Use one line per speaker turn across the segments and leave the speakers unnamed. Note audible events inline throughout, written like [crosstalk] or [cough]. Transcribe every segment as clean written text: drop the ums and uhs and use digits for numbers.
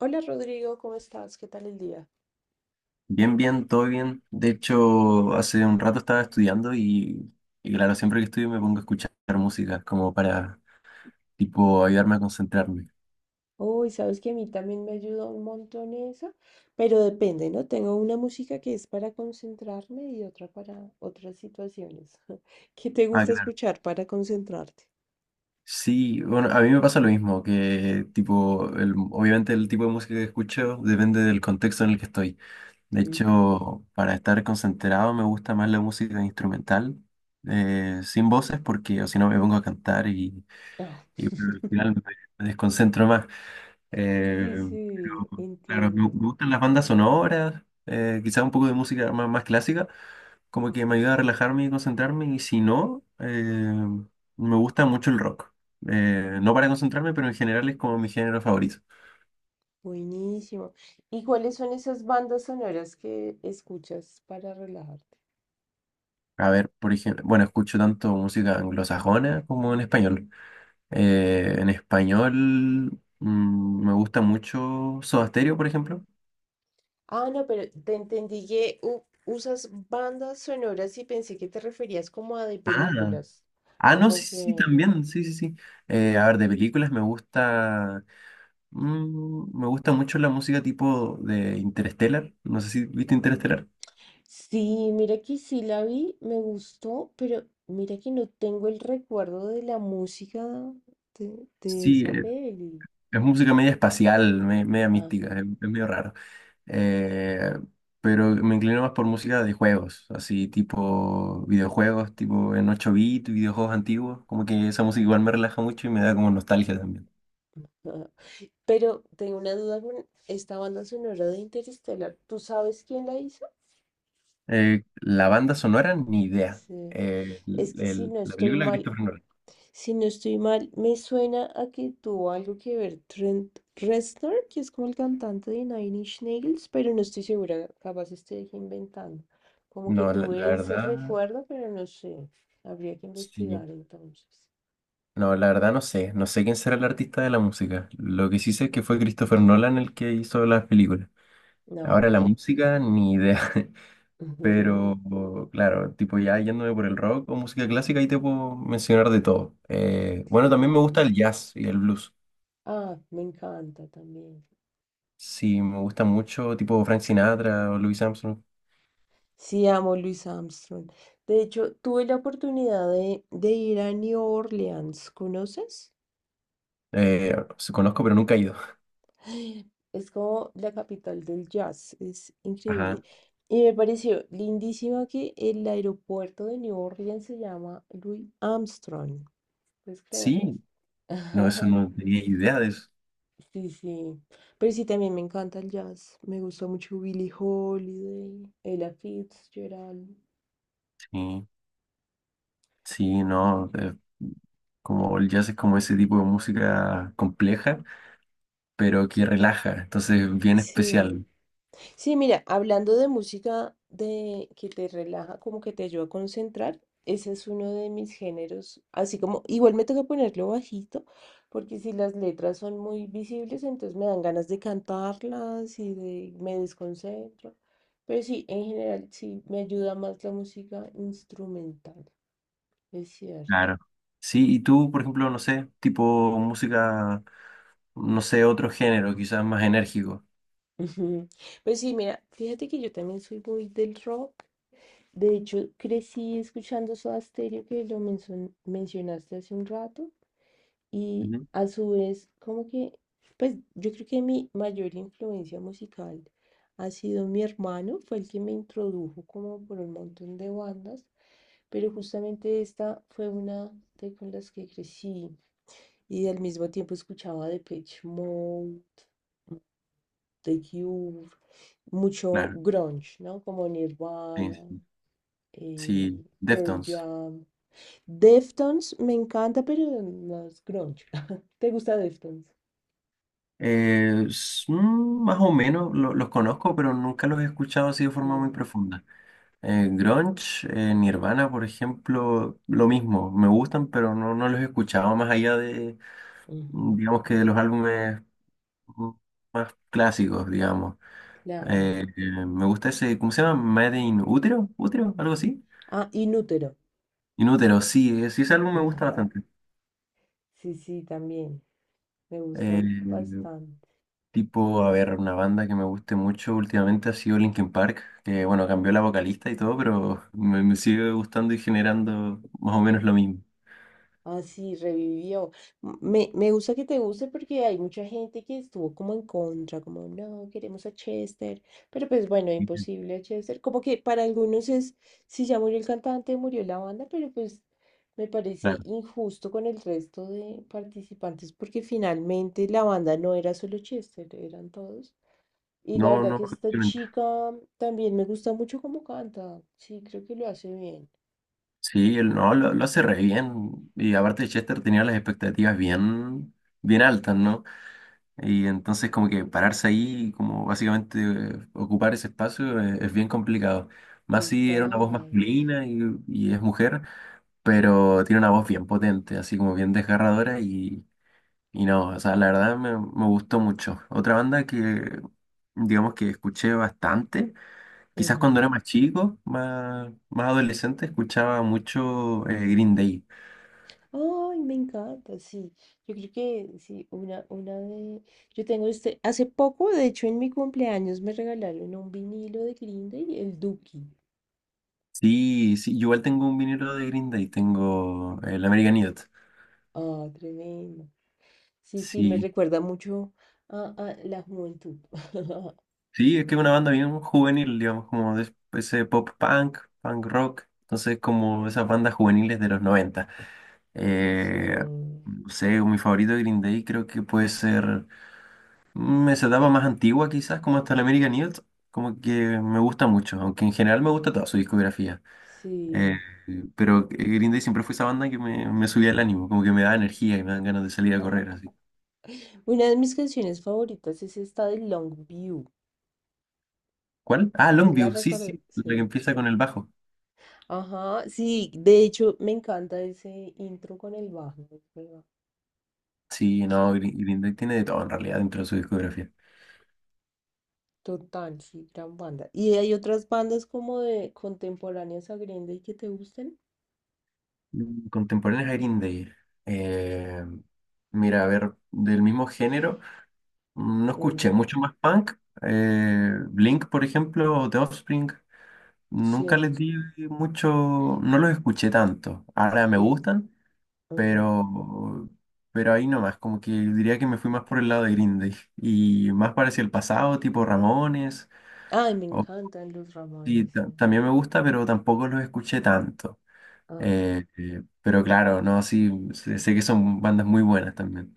Hola Rodrigo, ¿cómo estás? ¿Qué tal el día?
Bien, bien, todo bien. De hecho, hace un rato estaba estudiando y claro, siempre que estudio me pongo a escuchar música como para, tipo, ayudarme a concentrarme.
Uy, sabes que a mí también me ayuda un montón eso, pero depende, ¿no? Tengo una música que es para concentrarme y otra para otras situaciones. [laughs] ¿Qué te
Ah,
gusta
claro.
escuchar para concentrarte?
Sí, bueno, a mí me pasa lo mismo, que tipo, obviamente el tipo de música que escucho depende del contexto en el que estoy. De
Ujú.
hecho, para estar concentrado me gusta más la música instrumental, sin voces, porque o si no me pongo a cantar
Oh.
y bueno, al final me desconcentro más.
Sí,
Eh,
sí,
pero, claro, me
entiendo.
gustan las bandas sonoras, quizás un poco de música más, más clásica, como que me ayuda a relajarme y concentrarme, y si no, me gusta mucho el rock. No para concentrarme, pero en general es como mi género favorito.
Buenísimo. ¿Y cuáles son esas bandas sonoras que escuchas para relajarte?
A ver, por ejemplo, bueno, escucho tanto música anglosajona como en español. En español me gusta mucho Soda Stereo, por ejemplo.
Ah, no, pero te entendí que usas bandas sonoras y pensé que te referías como a de
Ah,
películas.
ah, no,
Como
sí, sí, sí,
que...
también, sí, sí, sí. A ver, de películas me gusta. Me gusta mucho la música tipo de Interstellar. No sé si viste Interstellar.
Sí, mira que sí la vi, me gustó, pero mira que no tengo el recuerdo de la música de
Sí,
esa peli.
es música media espacial, media
Ajá.
mística, es medio raro. Eh, pero me inclino más por música de juegos, así tipo videojuegos, tipo en 8 bits, videojuegos antiguos. Como que esa música igual me relaja mucho y me da como nostalgia también.
[laughs] Pero tengo una duda con esta banda sonora de Interestelar. ¿Tú sabes quién la hizo?
La banda sonora, ni idea.
Sí. Es que si no
La
estoy
película de
mal,
Christopher Nolan.
si no estoy mal, me suena a que tuvo algo que ver Trent Reznor, que es como el cantante de Nine Inch Nails, pero no estoy segura, capaz estoy inventando. Como que
No,
tuve
la
ese
verdad,
recuerdo, pero no sé. Habría que
sí.
investigar entonces.
No, la verdad no sé. No sé quién será el artista de la música. Lo que sí sé es que fue Christopher Nolan el que hizo las películas.
No.
Ahora la música, ni idea.
[laughs]
[laughs]
es-
Pero claro, tipo ya yéndome por el rock o música clásica, ahí te puedo mencionar de todo. Bueno, también me
Claro.
gusta el jazz y el blues.
Ah, me encanta también.
Sí, me gusta mucho, tipo Frank Sinatra o Louis Armstrong.
Sí, amo Louis Armstrong. De hecho, tuve la oportunidad de ir a New Orleans, ¿conoces?
Se conozco, pero nunca he ido.
Es como la capital del jazz, es increíble.
Ajá.
Y me pareció lindísimo que el aeropuerto de New Orleans se llama Louis Armstrong. ¿Puedes creerlo?
Sí, no, eso
[laughs]
no tenía idea de eso.
Sí, sí. Pero sí, también me encanta el jazz. Me gusta mucho Billie Holiday, Ella Fitzgerald.
Sí. Sí, no, como el jazz es como ese tipo de música compleja, pero que relaja, entonces bien
Sí.
especial.
Sí, mira, hablando de música de que te relaja, como que te ayuda a concentrar, ese es uno de mis géneros, así como igual me toca ponerlo bajito, porque si las letras son muy visibles, entonces me dan ganas de cantarlas y de me desconcentro. Pero sí, en general sí me ayuda más la música instrumental, es cierto.
Claro. Sí, y tú, por ejemplo, no sé, tipo música, no sé, otro género, quizás más enérgico.
[laughs] Ujú. Pues sí, mira, fíjate que yo también soy muy del rock. De hecho, crecí escuchando Soda Stereo, que lo mencionaste hace un rato, y
Ujú.
a su vez, como que, pues yo creo que mi mayor influencia musical ha sido mi hermano, fue el que me introdujo como por un montón de bandas, pero justamente esta fue una de con las que crecí y al mismo tiempo escuchaba Depeche Mode, The Cure, mucho
Claro,
grunge, ¿no? Como
sí,
Nirvana,
sí. Sí,
Pearl
Deftones.
Jam. Deftones me encanta, pero no es grunge. [laughs] ¿Te gusta Deftones?
Más o menos los conozco, pero nunca los he escuchado así de forma muy
Mm,
profunda. Grunge, Nirvana, por ejemplo, lo mismo, me gustan, pero no, no los he escuchado más allá de
ujú,
digamos que de los álbumes mm, más clásicos, digamos.
claro.
Me gusta ese, ¿cómo se llama? Made in Útero, ¿Útero? ¿Algo así?
Ah, Inútero.
Inútero, sí, sí, ese
[laughs]
álbum me gusta
Ajá.
bastante.
Sí, sí, también. Me gustan
Eh,
bastante.
Tipo, a ver, una banda que me guste mucho últimamente ha sido Linkin Park, que bueno, cambió la vocalista y todo, pero me sigue gustando y generando más o menos lo mismo.
Así revivió. Me gusta que te guste porque hay mucha gente que estuvo como en contra, como no, queremos a Chester, pero pues bueno, imposible a Chester. Como que para algunos es, si ya murió el cantante, murió la banda, pero pues me parece
Claro.
injusto con el resto de participantes porque finalmente la banda no era solo Chester, eran todos. Y la
No,
verdad
no,
que esta
efectivamente.
chica también me gusta mucho cómo canta. Sí, creo que lo hace bien.
Sí, él no, lo hace re bien. Y aparte Chester tenía las expectativas bien, bien altas, ¿no? Y entonces como que pararse ahí, y como básicamente ocupar ese espacio es, bien complicado. Más si era una voz
Total.
masculina y es mujer, pero tiene una voz bien potente, así como bien desgarradora y no, o sea, la verdad me gustó mucho. Otra banda que digamos que escuché bastante, quizás cuando era más chico, más, más adolescente, escuchaba mucho Green Day.
Ay, me encanta, sí. Yo creo que sí, una de. Yo tengo este. Hace poco, de hecho, en mi cumpleaños me regalaron un vinilo de Green Day, el Duki.
Sí, sí, yo igual tengo un vinilo de Green Day, tengo el American Idiot.
Ah, tremendo. Sí, sí, me
Sí,
recuerda mucho a la juventud. [laughs]
sí, es que es una banda bien juvenil, digamos, como de ese pop punk, punk rock, entonces como esas bandas juveniles de los 90.
Sí,
Eh, no sé, mi favorito de Green Day creo que puede ser esa etapa más antigua quizás, como hasta el American Idiot, como que me gusta mucho, aunque en general me gusta toda su discografía. Eh,
sí.
pero Green Day siempre fue esa banda que me subía el ánimo, como que me da energía y me dan ganas de salir a correr así.
Una de mis canciones favoritas es esta de Longview.
¿Cuál? Ah,
¿Se la
Longview, sí,
recuerda?
sí, la que
Sí.
empieza con el bajo.
Ajá, sí, de hecho, me encanta ese intro con el bajo. ¿Verdad?
Sí, no, Green Day tiene de todo en realidad dentro de su discografía.
Total, sí, gran banda. ¿Y hay otras bandas como de contemporáneas a Green Day que te gusten?
Contemporáneos a Green Day. eh, mira, a ver, del mismo género, no escuché
Ujú.
mucho más punk. Blink, por ejemplo, o The Offspring, nunca
Sí,
les di mucho, no los escuché tanto. Ahora me
sí.
gustan,
Ujú.
pero, pero ahí nomás, como que diría que me fui más por el lado de Green Day y más parecía el pasado, tipo Ramones.
Ay, me
o-
encantan los
sí,
Ramones. Sí.
también me gusta, pero tampoco los escuché tanto.
Ajá.
Pero claro, no, sí, sé que son bandas muy buenas también.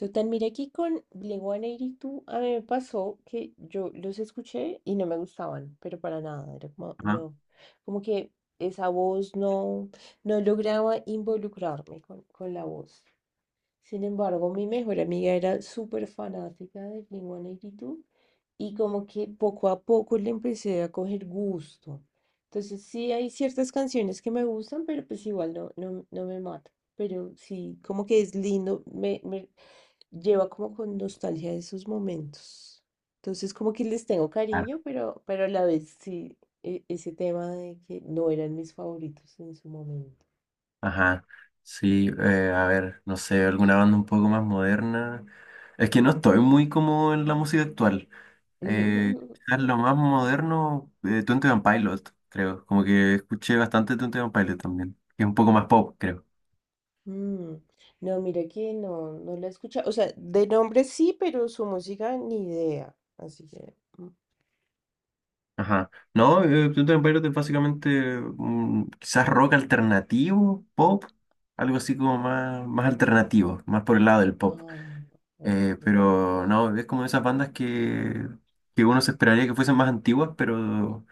Total, mira que con Blink 182 a mí me pasó que yo los escuché y no me gustaban, pero para nada, era como,
Ajá.
no, como que esa voz no, no lograba involucrarme con la voz. Sin embargo, mi mejor amiga era súper fanática de Blink-182 y dos y como que poco a poco le empecé a coger gusto. Entonces sí hay ciertas canciones que me gustan, pero pues igual no, no, no me mata. Pero sí, como que es lindo, me lleva como con nostalgia de esos momentos. Entonces como que les tengo
Claro.
cariño, pero a la vez sí, ese tema de que no eran mis favoritos en su momento.
Ajá. Sí, a ver, no sé, alguna banda un poco más moderna. Es que no estoy muy como en la música actual.
[laughs]
Quizás lo más moderno, Twenty One Pilot, creo. Como que escuché bastante Twenty One Pilot también, que es un poco más pop, creo.
Mm. No, mira que no, no la escucha. O sea, de nombre sí, pero su música ni idea. Así que.
Ajá. No, Pluto Empire es básicamente quizás rock alternativo, pop, algo así como más, más alternativo, más por el lado del pop.
Ah, ok.
Pero no, es como de esas bandas que uno se esperaría que fuesen más antiguas,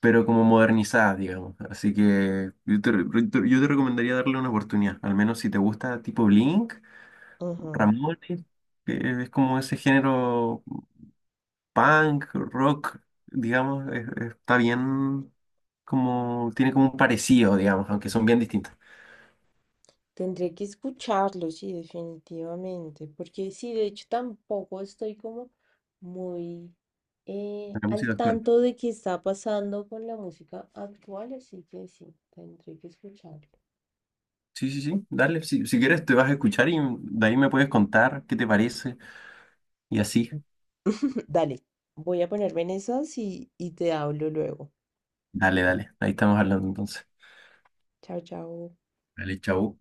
pero como modernizadas, digamos. Así que yo te, re- yo te recomendaría darle una oportunidad, al menos si te gusta tipo Blink,
Ajá.
Ramones, que es como ese género punk, rock, digamos, está bien como, tiene como un parecido, digamos, aunque son bien distintas
Tendré que escucharlo, sí, definitivamente. Porque sí, de hecho, tampoco estoy como muy
a la música
al
actual.
tanto de qué está pasando con la música actual, así que sí, tendré que escucharlo.
Sí, sí, sí, dale, si, si quieres te vas a escuchar y de ahí me puedes contar qué te parece y así.
[laughs] Dale, voy a ponerme en esas y te hablo luego.
Dale, dale, ahí estamos hablando entonces.
Chao, chao.
Dale, chau.